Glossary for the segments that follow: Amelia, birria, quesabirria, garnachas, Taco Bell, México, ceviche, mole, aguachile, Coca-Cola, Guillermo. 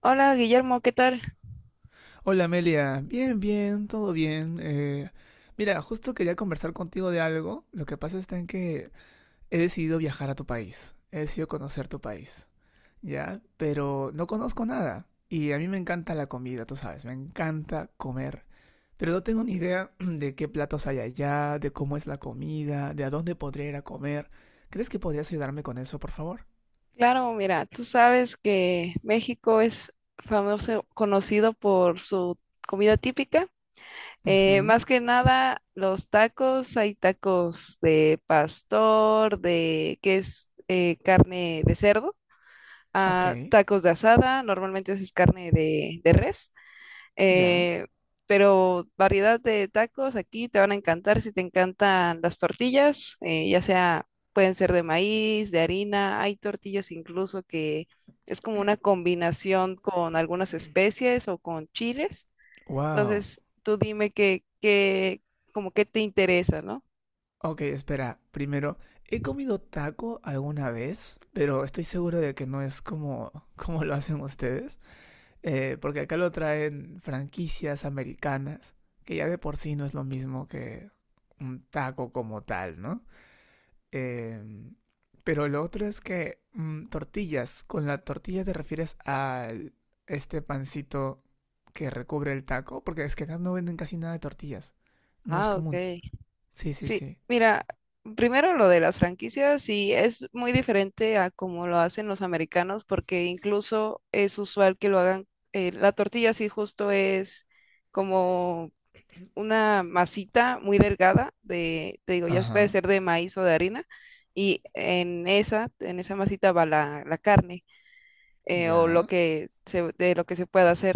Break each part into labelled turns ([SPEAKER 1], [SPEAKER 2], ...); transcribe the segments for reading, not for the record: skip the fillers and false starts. [SPEAKER 1] Hola Guillermo, ¿qué tal?
[SPEAKER 2] Hola Amelia, bien, bien, todo bien. Mira, justo quería conversar contigo de algo. Lo que pasa está en que he decidido viajar a tu país, he decidido conocer tu país, ¿ya? Pero no conozco nada y a mí me encanta la comida, tú sabes, me encanta comer. Pero no tengo ni idea de qué platos hay allá, de cómo es la comida, de a dónde podría ir a comer. ¿Crees que podrías ayudarme con eso, por favor?
[SPEAKER 1] Claro, mira, tú sabes que México es famoso, conocido por su comida típica.
[SPEAKER 2] Ujú.
[SPEAKER 1] Más que nada, los tacos, hay tacos de pastor, de que es carne de cerdo,
[SPEAKER 2] Ok,
[SPEAKER 1] ah, tacos de asada, normalmente es carne de, res.
[SPEAKER 2] ya.
[SPEAKER 1] eh, pero variedad de tacos aquí te van a encantar si te encantan las tortillas, ya sea, pueden ser de maíz, de harina, hay tortillas incluso que es como una combinación con algunas especies o con chiles.
[SPEAKER 2] Wow.
[SPEAKER 1] Entonces, tú dime qué, como qué te interesa, ¿no?
[SPEAKER 2] Ok, espera. Primero, he comido taco alguna vez, pero estoy seguro de que no es como, como lo hacen ustedes, porque acá lo traen franquicias americanas, que ya de por sí no es lo mismo que un taco como tal, ¿no? Eh, pero lo otro es que tortillas, con la tortilla te refieres a este pancito que recubre el taco, porque es que acá no venden casi nada de tortillas, no es
[SPEAKER 1] Ah,
[SPEAKER 2] común.
[SPEAKER 1] ok.
[SPEAKER 2] Sí, sí,
[SPEAKER 1] Sí,
[SPEAKER 2] sí.
[SPEAKER 1] mira, primero lo de las franquicias, sí, es muy diferente a como lo hacen los americanos, porque incluso es usual que lo hagan, la tortilla sí justo es como una masita muy delgada de, te digo, ya puede
[SPEAKER 2] Ajá,
[SPEAKER 1] ser de maíz o de harina, y en esa masita va la carne, o lo
[SPEAKER 2] ya.
[SPEAKER 1] de lo que se pueda hacer,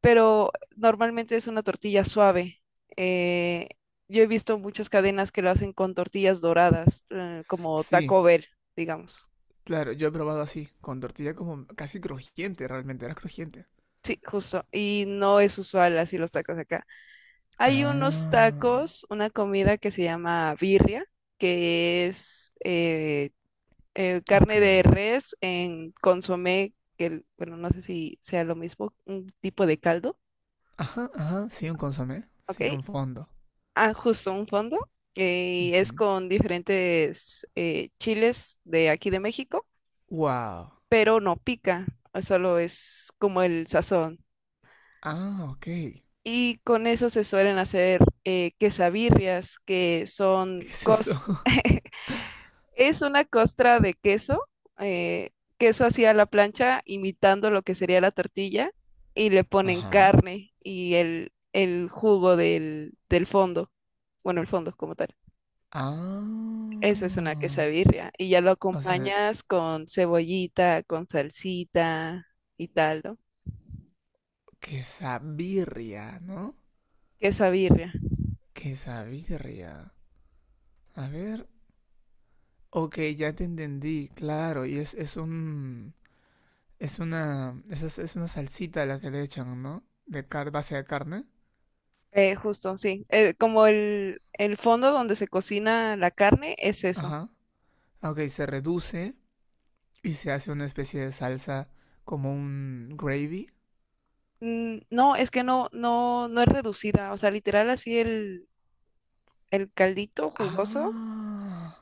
[SPEAKER 1] pero normalmente es una tortilla suave. Eh, yo he visto muchas cadenas que lo hacen con tortillas doradas, como
[SPEAKER 2] Sí,
[SPEAKER 1] Taco Bell, digamos.
[SPEAKER 2] claro, yo he probado así, con tortilla como casi crujiente, realmente era crujiente.
[SPEAKER 1] Sí, justo. Y no es usual así los tacos acá. Hay unos
[SPEAKER 2] Ah,
[SPEAKER 1] tacos, una comida que se llama birria, que es
[SPEAKER 2] ok.
[SPEAKER 1] carne de res en consomé, bueno, no sé si sea lo mismo, un tipo de caldo,
[SPEAKER 2] Ajá, ajá, sí, un consomé,
[SPEAKER 1] ¿ok?
[SPEAKER 2] sí, un fondo.
[SPEAKER 1] Ah, justo un fondo. Y es
[SPEAKER 2] Ujú.
[SPEAKER 1] con diferentes chiles de aquí de México,
[SPEAKER 2] Wow.
[SPEAKER 1] pero no pica, solo es como el sazón.
[SPEAKER 2] Ah, ok. ¿Qué
[SPEAKER 1] Y con eso se suelen hacer quesabirrias,
[SPEAKER 2] es eso?
[SPEAKER 1] es una costra de queso, eh, queso así a la plancha, imitando lo que sería la tortilla, y le ponen
[SPEAKER 2] Ajá.
[SPEAKER 1] carne y el jugo del fondo, bueno, el fondo como tal. Eso es una
[SPEAKER 2] Ah,
[SPEAKER 1] quesabirria. Y ya lo
[SPEAKER 2] o sea,
[SPEAKER 1] acompañas con cebollita, con salsita y tal, ¿no?
[SPEAKER 2] quesabirria, ¿no?
[SPEAKER 1] Quesabirria.
[SPEAKER 2] Quesabirria. A ver, ok, ya te entendí, claro, y. Es una, es una salsita la que le echan, ¿no? De car base de carne.
[SPEAKER 1] Justo, sí. Como el fondo donde se cocina la carne es eso.
[SPEAKER 2] Ajá. Ah, ok, se reduce y se hace una especie de salsa como un gravy.
[SPEAKER 1] Mm, no, es que no es reducida. O sea, literal así el caldito jugoso,
[SPEAKER 2] Ah,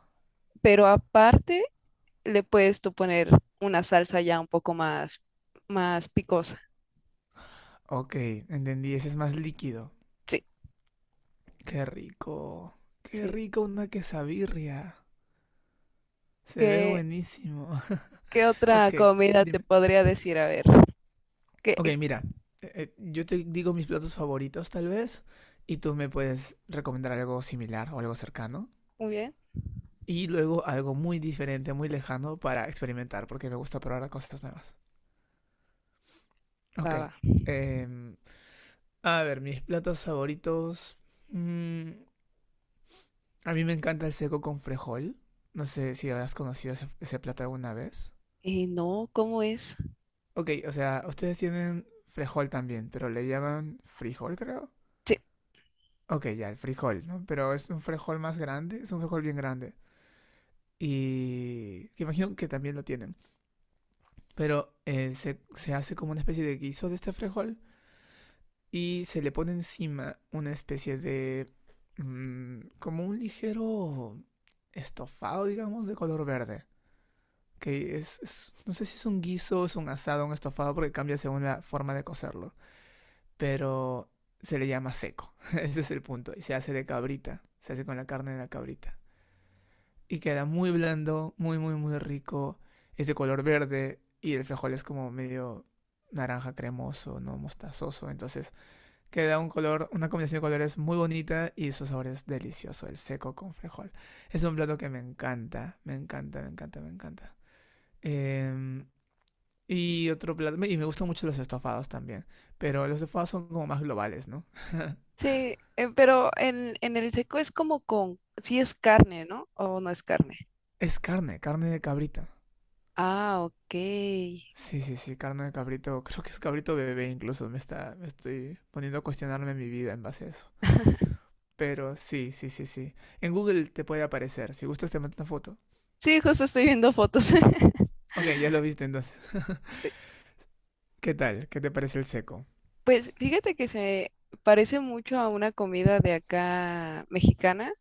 [SPEAKER 1] pero aparte le puedes tú poner una salsa ya un poco más, más picosa.
[SPEAKER 2] ok, entendí. Ese es más líquido.
[SPEAKER 1] Sí,
[SPEAKER 2] Qué rico. Qué
[SPEAKER 1] sí.
[SPEAKER 2] rico una quesabirria. Se ve
[SPEAKER 1] ¿Qué,
[SPEAKER 2] buenísimo.
[SPEAKER 1] ¿Qué otra
[SPEAKER 2] Ok,
[SPEAKER 1] comida te
[SPEAKER 2] dime.
[SPEAKER 1] podría decir? A ver. ¿Qué,
[SPEAKER 2] Ok, mira. Yo te digo mis platos favoritos, tal vez. Y tú me puedes recomendar algo similar o algo cercano.
[SPEAKER 1] Muy bien,
[SPEAKER 2] Y luego algo muy diferente, muy lejano para experimentar, porque me gusta probar cosas nuevas. Ok.
[SPEAKER 1] va, va.
[SPEAKER 2] eh, a ver, mis platos favoritos. mm, a mí me encanta el seco con frejol. No sé si habrás conocido ese, ese plato alguna vez.
[SPEAKER 1] No, ¿cómo es?
[SPEAKER 2] Ok, o sea, ustedes tienen frejol también, pero le llaman frijol, creo.
[SPEAKER 1] Sí,
[SPEAKER 2] Ok, ya, el frijol, ¿no? Pero es un frijol más grande, es un frijol bien grande. Y que imagino que también lo tienen. Pero se hace como una especie de guiso de este frijol y se le pone encima una especie de… como un ligero estofado, digamos, de color verde. No sé si es un guiso, es un asado, un estofado, porque cambia según la forma de cocerlo. Pero se le llama seco. Ese es el punto. Y se hace de cabrita. Se hace con la carne de la cabrita. Y queda muy blando, muy, muy, muy rico. Es de color verde y el frijol es como medio naranja cremoso, no mostazoso. Entonces que da un color, una combinación de colores muy bonita y su sabor es delicioso, el seco con frijol. Es un plato que me encanta, me encanta, me encanta, me encanta. Eh, y otro plato, y me gustan mucho los estofados también, pero los estofados son como más globales, ¿no?
[SPEAKER 1] sí, pero en el seco es como con, sí es carne, ¿no? ¿O no es carne?
[SPEAKER 2] Es carne, carne de cabrito.
[SPEAKER 1] Ah, ok.
[SPEAKER 2] Sí, sí, sí, carne de cabrito, creo que es cabrito bebé incluso, me estoy poniendo a cuestionarme mi vida en base a eso. Pero sí, sí, sí, sí. En Google te puede aparecer, si gustas te mando una foto.
[SPEAKER 1] Sí, justo estoy viendo fotos.
[SPEAKER 2] Ok, ya lo viste entonces.
[SPEAKER 1] Sí.
[SPEAKER 2] ¿Qué tal? ¿Qué te parece el seco?
[SPEAKER 1] Pues fíjate que se parece mucho a una comida de acá mexicana.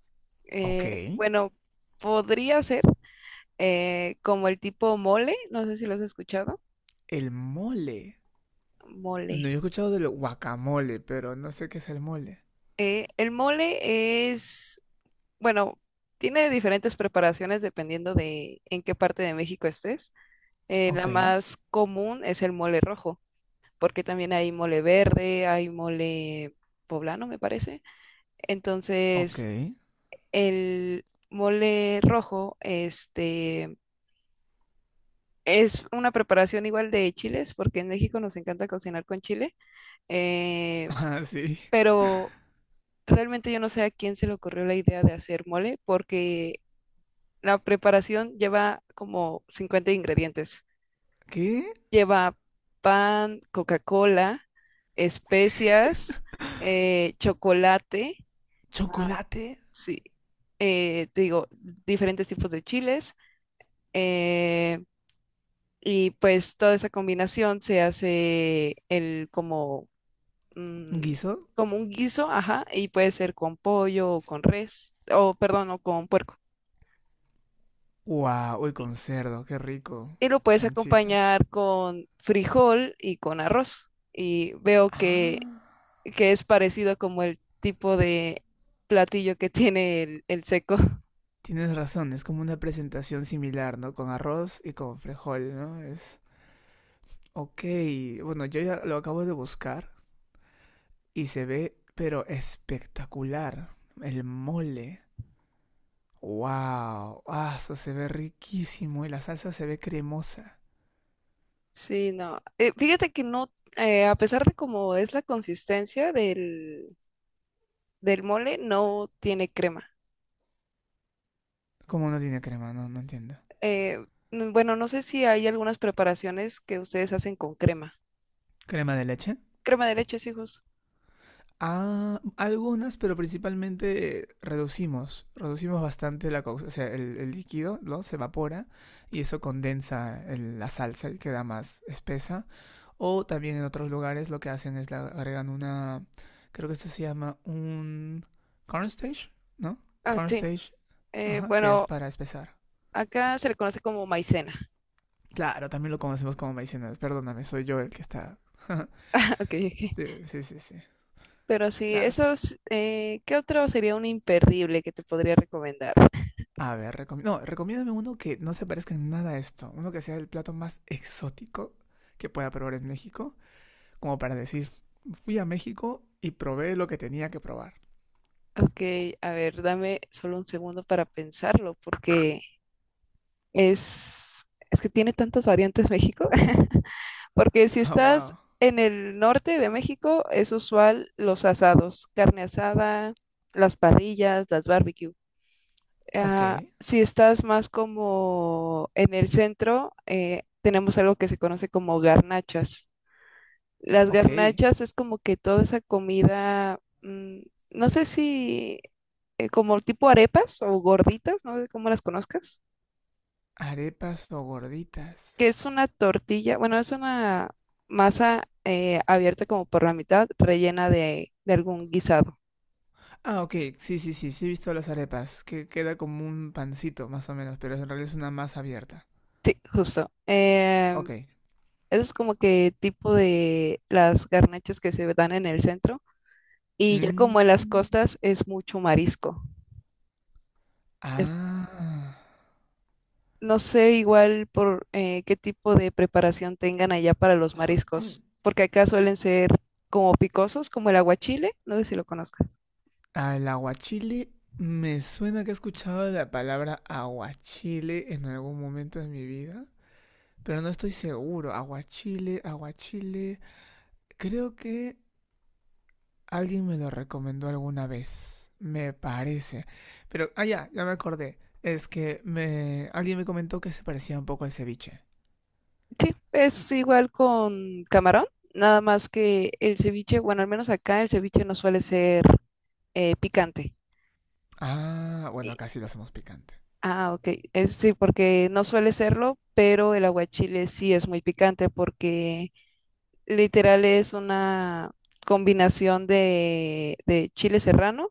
[SPEAKER 2] Ok.
[SPEAKER 1] Bueno, podría ser como el tipo mole, no sé si lo has escuchado.
[SPEAKER 2] El mole.
[SPEAKER 1] Mole.
[SPEAKER 2] No, yo he escuchado del guacamole, pero no sé qué es el mole.
[SPEAKER 1] El mole es bueno, tiene diferentes preparaciones dependiendo de en qué parte de México estés. La
[SPEAKER 2] Ok,
[SPEAKER 1] más común es el mole rojo, porque también hay mole verde, hay mole poblano, me parece.
[SPEAKER 2] ok.
[SPEAKER 1] Entonces, el mole rojo, este, es una preparación igual de chiles, porque en México nos encanta cocinar con chile, eh,
[SPEAKER 2] Ah, sí.
[SPEAKER 1] pero realmente yo no sé a quién se le ocurrió la idea de hacer mole, porque la preparación lleva como 50 ingredientes.
[SPEAKER 2] ¿Qué?
[SPEAKER 1] Lleva pan, Coca-Cola, especias, chocolate, ah,
[SPEAKER 2] ¿Chocolate?
[SPEAKER 1] sí, te digo, diferentes tipos de chiles. eh, y pues toda esa combinación se hace el como, mm,
[SPEAKER 2] ¿Guiso?
[SPEAKER 1] como un guiso, ajá, y puede ser con pollo o con res, o perdón, o con puerco.
[SPEAKER 2] Wow, uy, con cerdo, qué rico.
[SPEAKER 1] Y lo puedes
[SPEAKER 2] Chanchito.
[SPEAKER 1] acompañar con frijol y con arroz. Y veo que,
[SPEAKER 2] Ah,
[SPEAKER 1] que es parecido como el tipo de platillo que tiene el seco.
[SPEAKER 2] tienes razón, es como una presentación similar, ¿no? Con arroz y con frijol, ¿no? Es… ok, bueno, yo ya lo acabo de buscar y se ve, pero espectacular. El mole. Wow, ah, eso se ve riquísimo y la salsa se ve cremosa.
[SPEAKER 1] Sí, no. Fíjate que no, a pesar de cómo es la consistencia del mole, no tiene crema.
[SPEAKER 2] ¿Cómo no tiene crema? No, no entiendo.
[SPEAKER 1] Eh, bueno, no sé si hay algunas preparaciones que ustedes hacen con crema.
[SPEAKER 2] ¿Crema de leche?
[SPEAKER 1] Crema de leche, sí, justo.
[SPEAKER 2] Ah, algunas, pero principalmente reducimos, reducimos bastante la causa, o sea, el líquido, ¿no? Se evapora y eso condensa la salsa y queda más espesa. O también en otros lugares lo que hacen es le agregan una, creo que esto se llama un cornstarch, ¿no?
[SPEAKER 1] Ah, sí.
[SPEAKER 2] Cornstarch, ajá, que es
[SPEAKER 1] Bueno,
[SPEAKER 2] para espesar.
[SPEAKER 1] acá se le conoce como maicena.
[SPEAKER 2] Claro, también lo conocemos como Maicenas. Perdóname, soy yo el que está.
[SPEAKER 1] Ok, ok.
[SPEAKER 2] Sí, sí, sí, sí.
[SPEAKER 1] Pero sí,
[SPEAKER 2] Claro.
[SPEAKER 1] esos, ¿qué otro sería un imperdible que te podría recomendar?
[SPEAKER 2] A ver, no, recomiéndame uno que no se parezca en nada a esto. Uno que sea el plato más exótico que pueda probar en México. Como para decir, fui a México y probé lo que tenía que probar.
[SPEAKER 1] Ok, a ver, dame solo un segundo para pensarlo, porque es, es que tiene tantas variantes México, porque si
[SPEAKER 2] Oh,
[SPEAKER 1] estás
[SPEAKER 2] wow.
[SPEAKER 1] en el norte de México, es usual los asados, carne asada, las parrillas, las barbecue.
[SPEAKER 2] Ok,
[SPEAKER 1] Ah, si estás más como en el centro, tenemos algo que se conoce como garnachas. Las
[SPEAKER 2] ok.
[SPEAKER 1] garnachas es como que toda esa comida, mm, no sé si como tipo arepas o gorditas, no sé cómo las conozcas,
[SPEAKER 2] Arepas o gorditas.
[SPEAKER 1] que es una tortilla, bueno, es una masa abierta como por la mitad, rellena de algún guisado.
[SPEAKER 2] Ah, ok, sí, sí, sí, sí he visto las arepas, que queda como un pancito más o menos, pero en realidad es una masa abierta.
[SPEAKER 1] Sí, justo.
[SPEAKER 2] Ok.
[SPEAKER 1] Eso es como que tipo de las garnachas que se dan en el centro, y ya
[SPEAKER 2] Mm.
[SPEAKER 1] como en las costas es mucho marisco.
[SPEAKER 2] Ah,
[SPEAKER 1] No sé igual por qué tipo de preparación tengan allá para los mariscos, porque acá suelen ser como picosos, como el aguachile, no sé si lo conozcas.
[SPEAKER 2] al aguachile me suena que he escuchado la palabra aguachile en algún momento de mi vida, pero no estoy seguro. Aguachile, aguachile. Creo que alguien me lo recomendó alguna vez, me parece. Pero, ah, ya, ya me acordé. Alguien me comentó que se parecía un poco al ceviche.
[SPEAKER 1] Sí, es igual con camarón, nada más que el ceviche, bueno, al menos acá el ceviche no suele ser picante.
[SPEAKER 2] Ah, bueno, acá sí lo hacemos picante.
[SPEAKER 1] Ah, ok. Sí, porque no suele serlo, pero el aguachile sí es muy picante porque literal es una combinación de chile serrano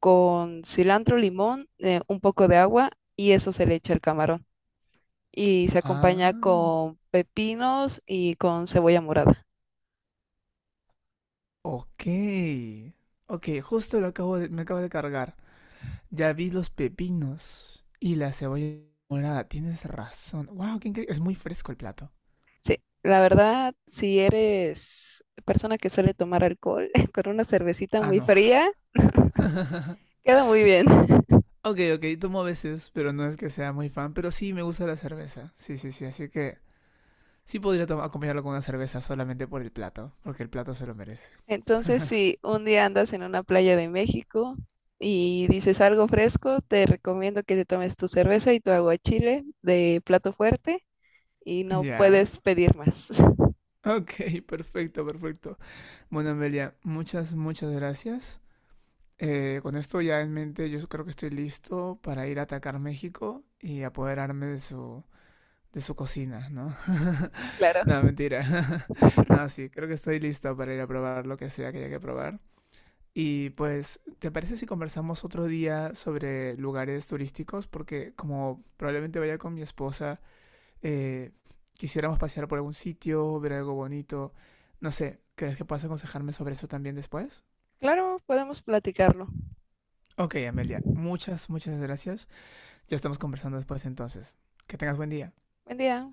[SPEAKER 1] con cilantro, limón, un poco de agua y eso se le echa al camarón. Y se acompaña
[SPEAKER 2] Ah,
[SPEAKER 1] con pepinos y con cebolla morada.
[SPEAKER 2] ok. Ok, justo lo acabo de, me acabo de cargar. Ya vi los pepinos y la cebolla morada. Tienes razón. Wow, qué increíble. Es muy fresco el plato.
[SPEAKER 1] Sí, la verdad, si eres persona que suele tomar alcohol con una cervecita
[SPEAKER 2] Ah,
[SPEAKER 1] muy
[SPEAKER 2] no.
[SPEAKER 1] fría, queda muy bien.
[SPEAKER 2] Ok, ok, tomo a veces, pero no es que sea muy fan. Pero sí me gusta la cerveza. Sí, sí, sí. Así que sí podría tomar acompañarlo con una cerveza solamente por el plato. Porque el plato se lo merece.
[SPEAKER 1] Entonces, si un día andas en una playa de México y dices algo fresco, te recomiendo que te tomes tu cerveza y tu aguachile de plato fuerte y
[SPEAKER 2] Ya.
[SPEAKER 1] no
[SPEAKER 2] Yeah.
[SPEAKER 1] puedes pedir más.
[SPEAKER 2] Ok, perfecto, perfecto. Bueno, Amelia, muchas, muchas gracias. Con esto ya en mente, yo creo que estoy listo para ir a atacar México y apoderarme de su cocina, ¿no?
[SPEAKER 1] Claro.
[SPEAKER 2] No, mentira. No, sí, creo que estoy listo para ir a probar lo que sea que haya que probar. Y pues, ¿te parece si conversamos otro día sobre lugares turísticos? Porque como probablemente vaya con mi esposa, eh, quisiéramos pasear por algún sitio, ver algo bonito. No sé, ¿crees que puedas aconsejarme sobre eso también después?
[SPEAKER 1] Claro, podemos platicarlo.
[SPEAKER 2] Ok, Amelia, muchas, muchas gracias. Ya estamos conversando después entonces. Que tengas buen día.
[SPEAKER 1] Buen día.